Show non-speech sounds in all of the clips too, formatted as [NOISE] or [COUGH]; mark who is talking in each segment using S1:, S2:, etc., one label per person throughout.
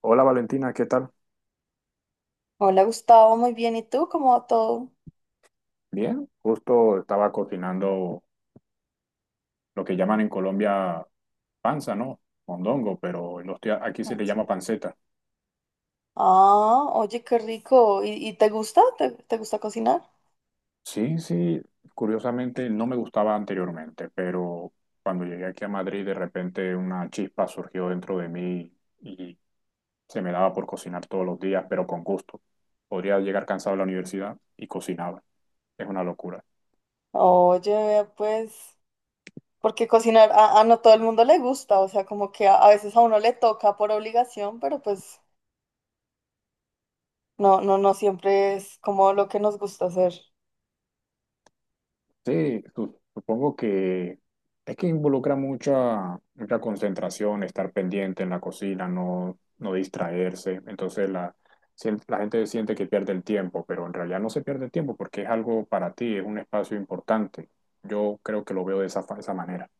S1: Hola Valentina, ¿qué tal?
S2: Hola Gustavo, muy bien. ¿Y tú? ¿Cómo va todo?
S1: Bien, justo estaba cocinando lo que llaman en Colombia panza, ¿no? Mondongo, pero en aquí se le llama panceta.
S2: Ah, oye, qué rico. ¿Y te gusta? ¿Te gusta cocinar?
S1: Sí, sí, curiosamente no me gustaba anteriormente, pero cuando llegué aquí a Madrid de repente una chispa surgió dentro de mí y se me daba por cocinar todos los días, pero con gusto. Podría llegar cansado a la universidad y cocinaba. Es una locura.
S2: Oye, vea, pues, porque cocinar a no todo el mundo le gusta, o sea, como que a veces a uno le toca por obligación, pero pues no, no, no siempre es como lo que nos gusta hacer.
S1: Sí, supongo que es que involucra mucha, mucha concentración, estar pendiente en la cocina, no, no distraerse. Entonces la gente siente que pierde el tiempo, pero en realidad no se pierde el tiempo porque es algo para ti, es un espacio importante. Yo creo que lo veo de esa manera.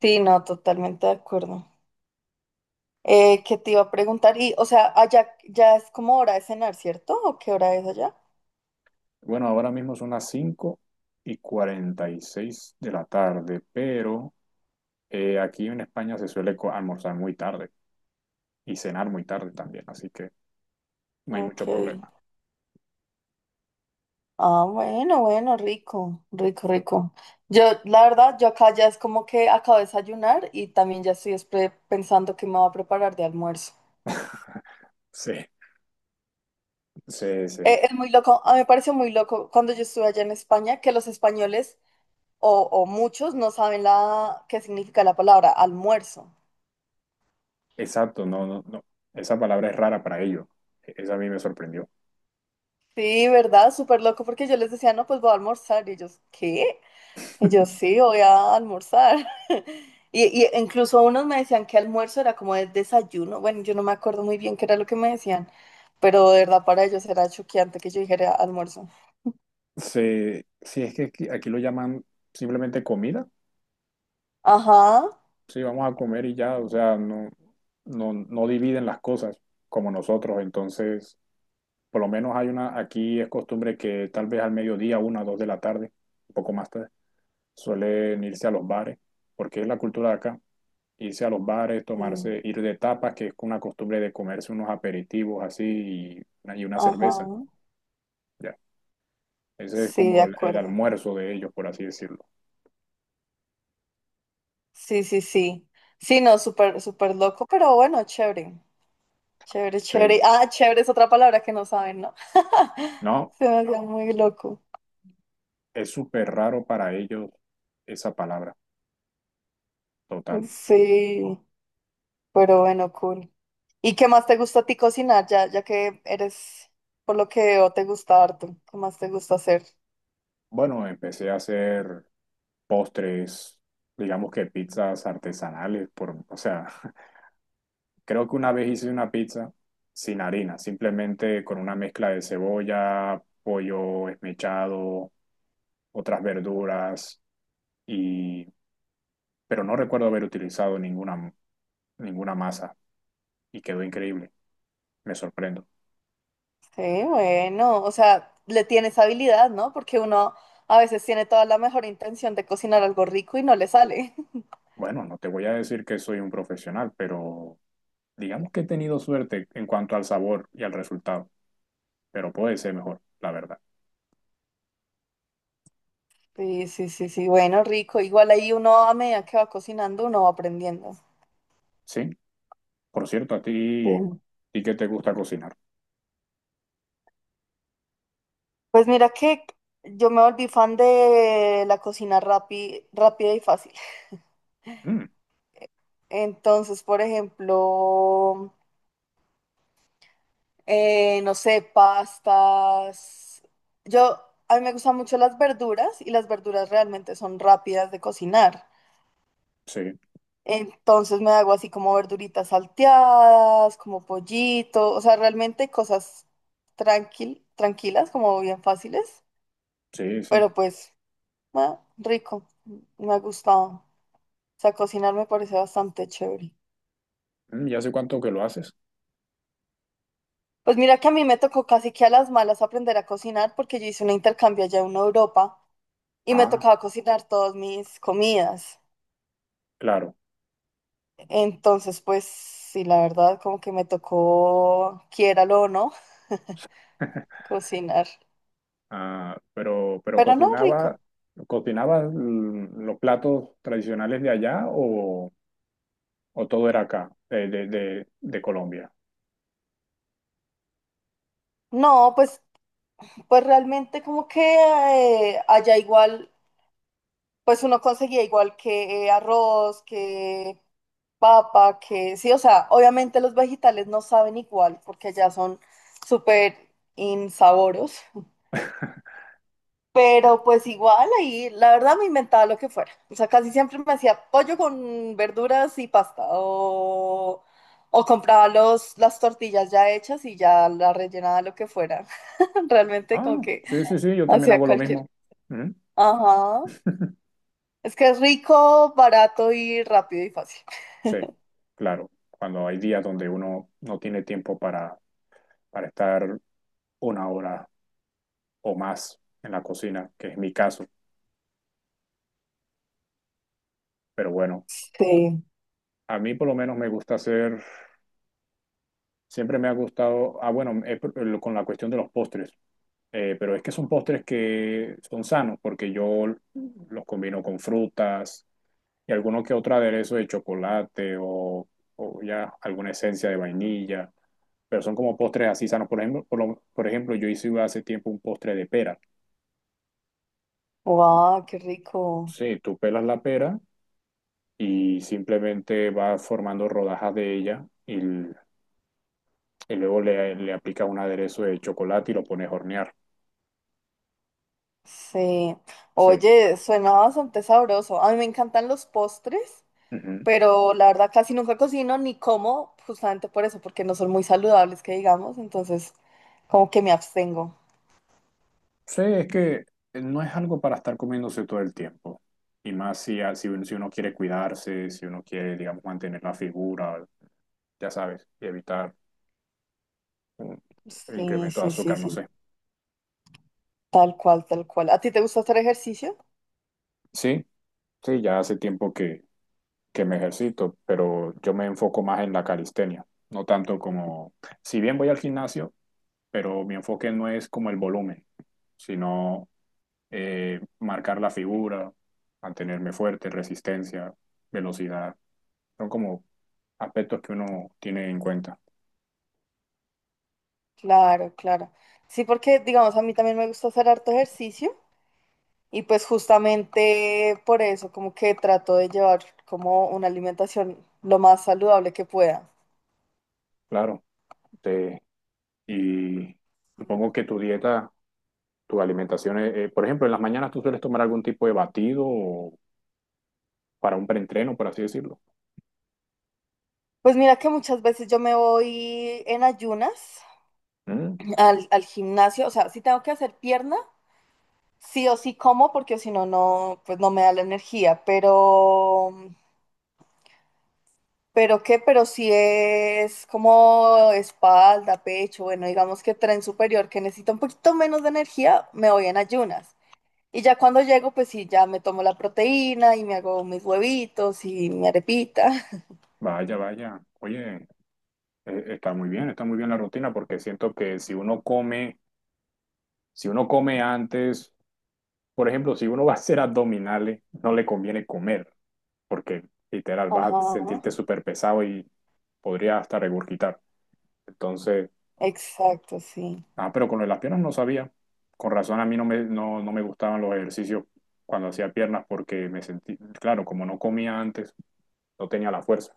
S2: Sí, no, totalmente de acuerdo. ¿Qué te iba a preguntar? Y, o sea, allá ya es como hora de cenar, ¿cierto? ¿O qué hora es allá?
S1: Bueno, ahora mismo son las 5:46 de la tarde, pero aquí en España se suele almorzar muy tarde y cenar muy tarde también, así que no hay
S2: Ok.
S1: mucho problema.
S2: Ah, bueno, bueno, rico, rico, rico. Yo, la verdad, yo acá ya es como que acabo de desayunar y también ya estoy es pensando que me voy a preparar de almuerzo.
S1: Sí. Sí, sí,
S2: Es muy loco, a mí me pareció muy loco cuando yo estuve allá en España que los españoles o muchos no saben la qué significa la palabra almuerzo.
S1: exacto, no, no, no. Esa palabra es rara para ellos. Esa a mí me sorprendió.
S2: Sí, ¿verdad? Súper loco porque yo les decía, no, pues voy a almorzar y ellos, ¿qué? Y yo
S1: [LAUGHS]
S2: sí, voy a almorzar. [LAUGHS] Y incluso unos me decían que almuerzo era como el desayuno. Bueno, yo no me acuerdo muy bien qué era lo que me decían, pero de verdad para ellos era choqueante que yo dijera almuerzo.
S1: Sí, sí, es que aquí, aquí lo llaman simplemente comida.
S2: Ajá,
S1: Sí, vamos a comer y ya, o sea, no, no dividen las cosas como nosotros. Entonces, por lo menos aquí es costumbre que tal vez al mediodía, una o dos de la tarde, un poco más tarde, suelen irse a los bares, porque es la cultura de acá. Irse a los bares,
S2: mm,
S1: tomarse, ir de tapas, que es una costumbre de comerse unos aperitivos así y una cerveza.
S2: ajá,
S1: Ya. Ese es
S2: sí, de
S1: como el
S2: acuerdo.
S1: almuerzo de ellos, por así decirlo.
S2: Sí, sí, sí. Sí, no, súper, súper loco, pero bueno, chévere. Chévere,
S1: Sí.
S2: chévere. Ah, chévere es otra palabra que no saben, ¿no? [LAUGHS]
S1: No,
S2: Se me hacía muy loco.
S1: es súper raro para ellos esa palabra, total.
S2: Sí, pero bueno, cool. ¿Y qué más te gusta a ti cocinar? Ya, ya que eres, por lo que veo, te gusta harto. ¿Qué más te gusta hacer?
S1: Bueno, empecé a hacer postres, digamos que pizzas artesanales, o sea, [LAUGHS] creo que una vez hice una pizza sin harina, simplemente con una mezcla de cebolla, pollo esmechado, otras verduras y, pero no recuerdo haber utilizado ninguna masa y quedó increíble. Me sorprendo.
S2: Sí, bueno, o sea, le tienes habilidad, ¿no? Porque uno a veces tiene toda la mejor intención de cocinar algo rico y no le sale. [LAUGHS]
S1: Bueno, no te voy a decir que soy un profesional, pero digamos que he tenido suerte en cuanto al sabor y al resultado, pero puede ser mejor, la verdad.
S2: Sí, sí, sí, sí, bueno, rico. Igual ahí uno a medida que va cocinando, uno va aprendiendo.
S1: Sí, por cierto,
S2: Sí.
S1: ¿y qué te gusta cocinar?
S2: Pues mira que yo me volví fan de la cocina rápida y fácil.
S1: Mm,
S2: Entonces, por ejemplo... No sé, pastas. Yo, a mí me gustan mucho las verduras y las verduras realmente son rápidas de cocinar.
S1: sí,
S2: Entonces me hago así como verduritas salteadas, como pollito, o sea, realmente cosas tranquilas, como bien fáciles,
S1: sí, sí.
S2: pero pues, ah, rico, me ha gustado. O sea, cocinar me parece bastante chévere.
S1: Mm, ¿y hace cuánto que lo haces?
S2: Pues mira que a mí me tocó casi que a las malas aprender a cocinar porque yo hice un intercambio allá en Europa. Y me
S1: Ah,
S2: tocaba cocinar todas mis comidas.
S1: claro.
S2: Entonces, pues sí, la verdad, como que me tocó, quiéralo o no, [LAUGHS]
S1: [LAUGHS]
S2: cocinar.
S1: Ah, pero
S2: Pero no,
S1: cocinaba,
S2: rico.
S1: cocinaba los platos tradicionales de allá o todo era acá, de Colombia.
S2: No, pues, pues realmente como que allá igual, pues uno conseguía igual que arroz, que papa, que sí, o sea, obviamente los vegetales no saben igual porque allá son súper insaboros. Pero pues igual ahí, la verdad me inventaba lo que fuera. O sea, casi siempre me hacía pollo con verduras y pasta. O compraba las tortillas ya hechas y ya la rellenaba de lo que fuera. [LAUGHS] Realmente
S1: Ah,
S2: como que
S1: sí, sí, sí, yo también
S2: hacía
S1: hago lo
S2: cualquier.
S1: mismo. Mm.
S2: Ajá.
S1: [LAUGHS]
S2: Es que es rico, barato y rápido y fácil.
S1: Sí, claro, cuando hay días donde uno no tiene tiempo para estar una hora o más en la cocina, que es mi caso, pero bueno,
S2: Sí.
S1: a mí por lo menos me gusta hacer, siempre me ha gustado, ah, bueno, con la cuestión de los postres, pero es que son postres que son sanos porque yo los combino con frutas, y alguno que otro aderezo de chocolate o ya alguna esencia de vainilla, pero son como postres así sanos. Por ejemplo, por ejemplo, yo hice hace tiempo un postre de pera.
S2: Wow, qué rico.
S1: Sí, tú pelas la pera y simplemente vas formando rodajas de ella y luego le aplicas un aderezo de chocolate y lo pones a hornear.
S2: Sí.
S1: Sí.
S2: Oye, suena bastante sabroso. A mí me encantan los postres.
S1: Ujú.
S2: Pero la verdad casi nunca cocino ni como, justamente por eso, porque no son muy saludables, que digamos, entonces como que me abstengo.
S1: Sí, es que no es algo para estar comiéndose todo el tiempo. Y más si, si uno si uno quiere cuidarse, si uno quiere, digamos, mantener la figura, ya sabes, y evitar mm, el
S2: Sí,
S1: incremento de
S2: sí, sí,
S1: azúcar, no
S2: sí,
S1: sé.
S2: tal cual, tal cual. ¿A ti te gusta hacer ejercicio?
S1: Sí, sí, ya hace tiempo que me ejercito, pero yo me enfoco más en la calistenia, no tanto como, si bien voy al gimnasio, pero mi enfoque no es como el volumen, sino marcar la figura, mantenerme fuerte, resistencia, velocidad. Son como aspectos que uno tiene en cuenta.
S2: Claro, claro. Sí, porque digamos, a mí también me gusta hacer harto ejercicio y pues justamente por eso como que trato de llevar como una alimentación lo más saludable que pueda.
S1: Claro. Te- y supongo que tu dieta, tu alimentación, por ejemplo, en las mañanas tú sueles tomar algún tipo de batido o para un preentreno, por así decirlo.
S2: Pues mira que muchas veces yo me voy en ayunas
S1: Mm,
S2: al gimnasio, o sea, si tengo que hacer pierna, sí o sí como porque si no, no, pues no me da la energía, pero, pero si es como espalda, pecho, bueno, digamos que tren superior que necesita un poquito menos de energía, me voy en ayunas. Y ya cuando llego, pues sí, ya me tomo la proteína y me hago mis huevitos y mi arepita.
S1: vaya, vaya. Oye, está muy bien la rutina porque siento que si uno come, si uno come antes, por ejemplo, si uno va a hacer abdominales, no le conviene comer porque
S2: [LAUGHS]
S1: literal vas a
S2: Ajá,
S1: sentirte súper pesado y podría hasta regurgitar. Entonces...
S2: exacto, sí.
S1: Ah, pero con lo de las piernas no sabía. Con razón a mí no me gustaban los ejercicios cuando hacía piernas porque me sentí, claro, como no comía antes, no tenía la fuerza.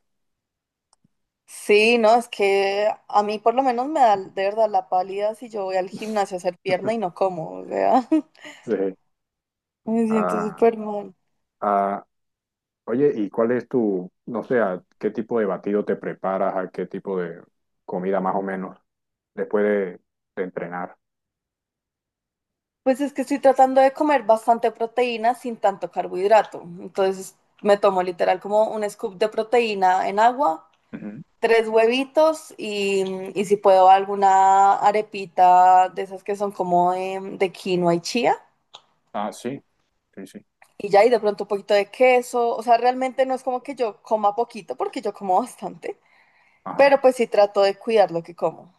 S2: Sí, no, es que a mí por lo menos me da de verdad la pálida si yo voy al gimnasio a hacer pierna y
S1: [LAUGHS]
S2: no como, o sea, [LAUGHS]
S1: Sí.
S2: me siento
S1: Ah,
S2: súper mal.
S1: ah, oye, ¿y cuál es tu, no sé, a qué tipo de batido te preparas, a qué tipo de comida más o menos después de entrenar?
S2: Pues es que estoy tratando de comer bastante proteína sin tanto carbohidrato. Entonces me tomo literal como un scoop de proteína en agua,
S1: Ujú.
S2: tres huevitos y si puedo alguna arepita de esas que son como de quinoa y chía.
S1: Ah, sí, sí, sí.
S2: Y ya, y de pronto un poquito de queso. O sea, realmente no es como que yo coma poquito porque yo como bastante.
S1: Ajá.
S2: Pero pues sí trato de cuidar lo que como.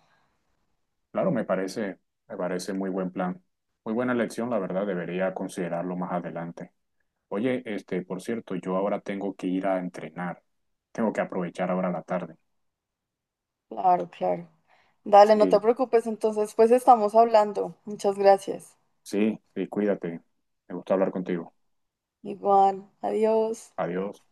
S1: Claro, me parece, me parece muy buen plan. Muy buena elección, la verdad, debería considerarlo más adelante. Oye, este, por cierto, yo ahora tengo que ir a entrenar. Tengo que aprovechar ahora la tarde.
S2: Claro, claro. Dale, no te
S1: Sí,
S2: preocupes. Entonces, pues estamos hablando. Muchas gracias.
S1: sí, sí, cuídate. Me gustó hablar contigo.
S2: Igual, adiós.
S1: Adiós.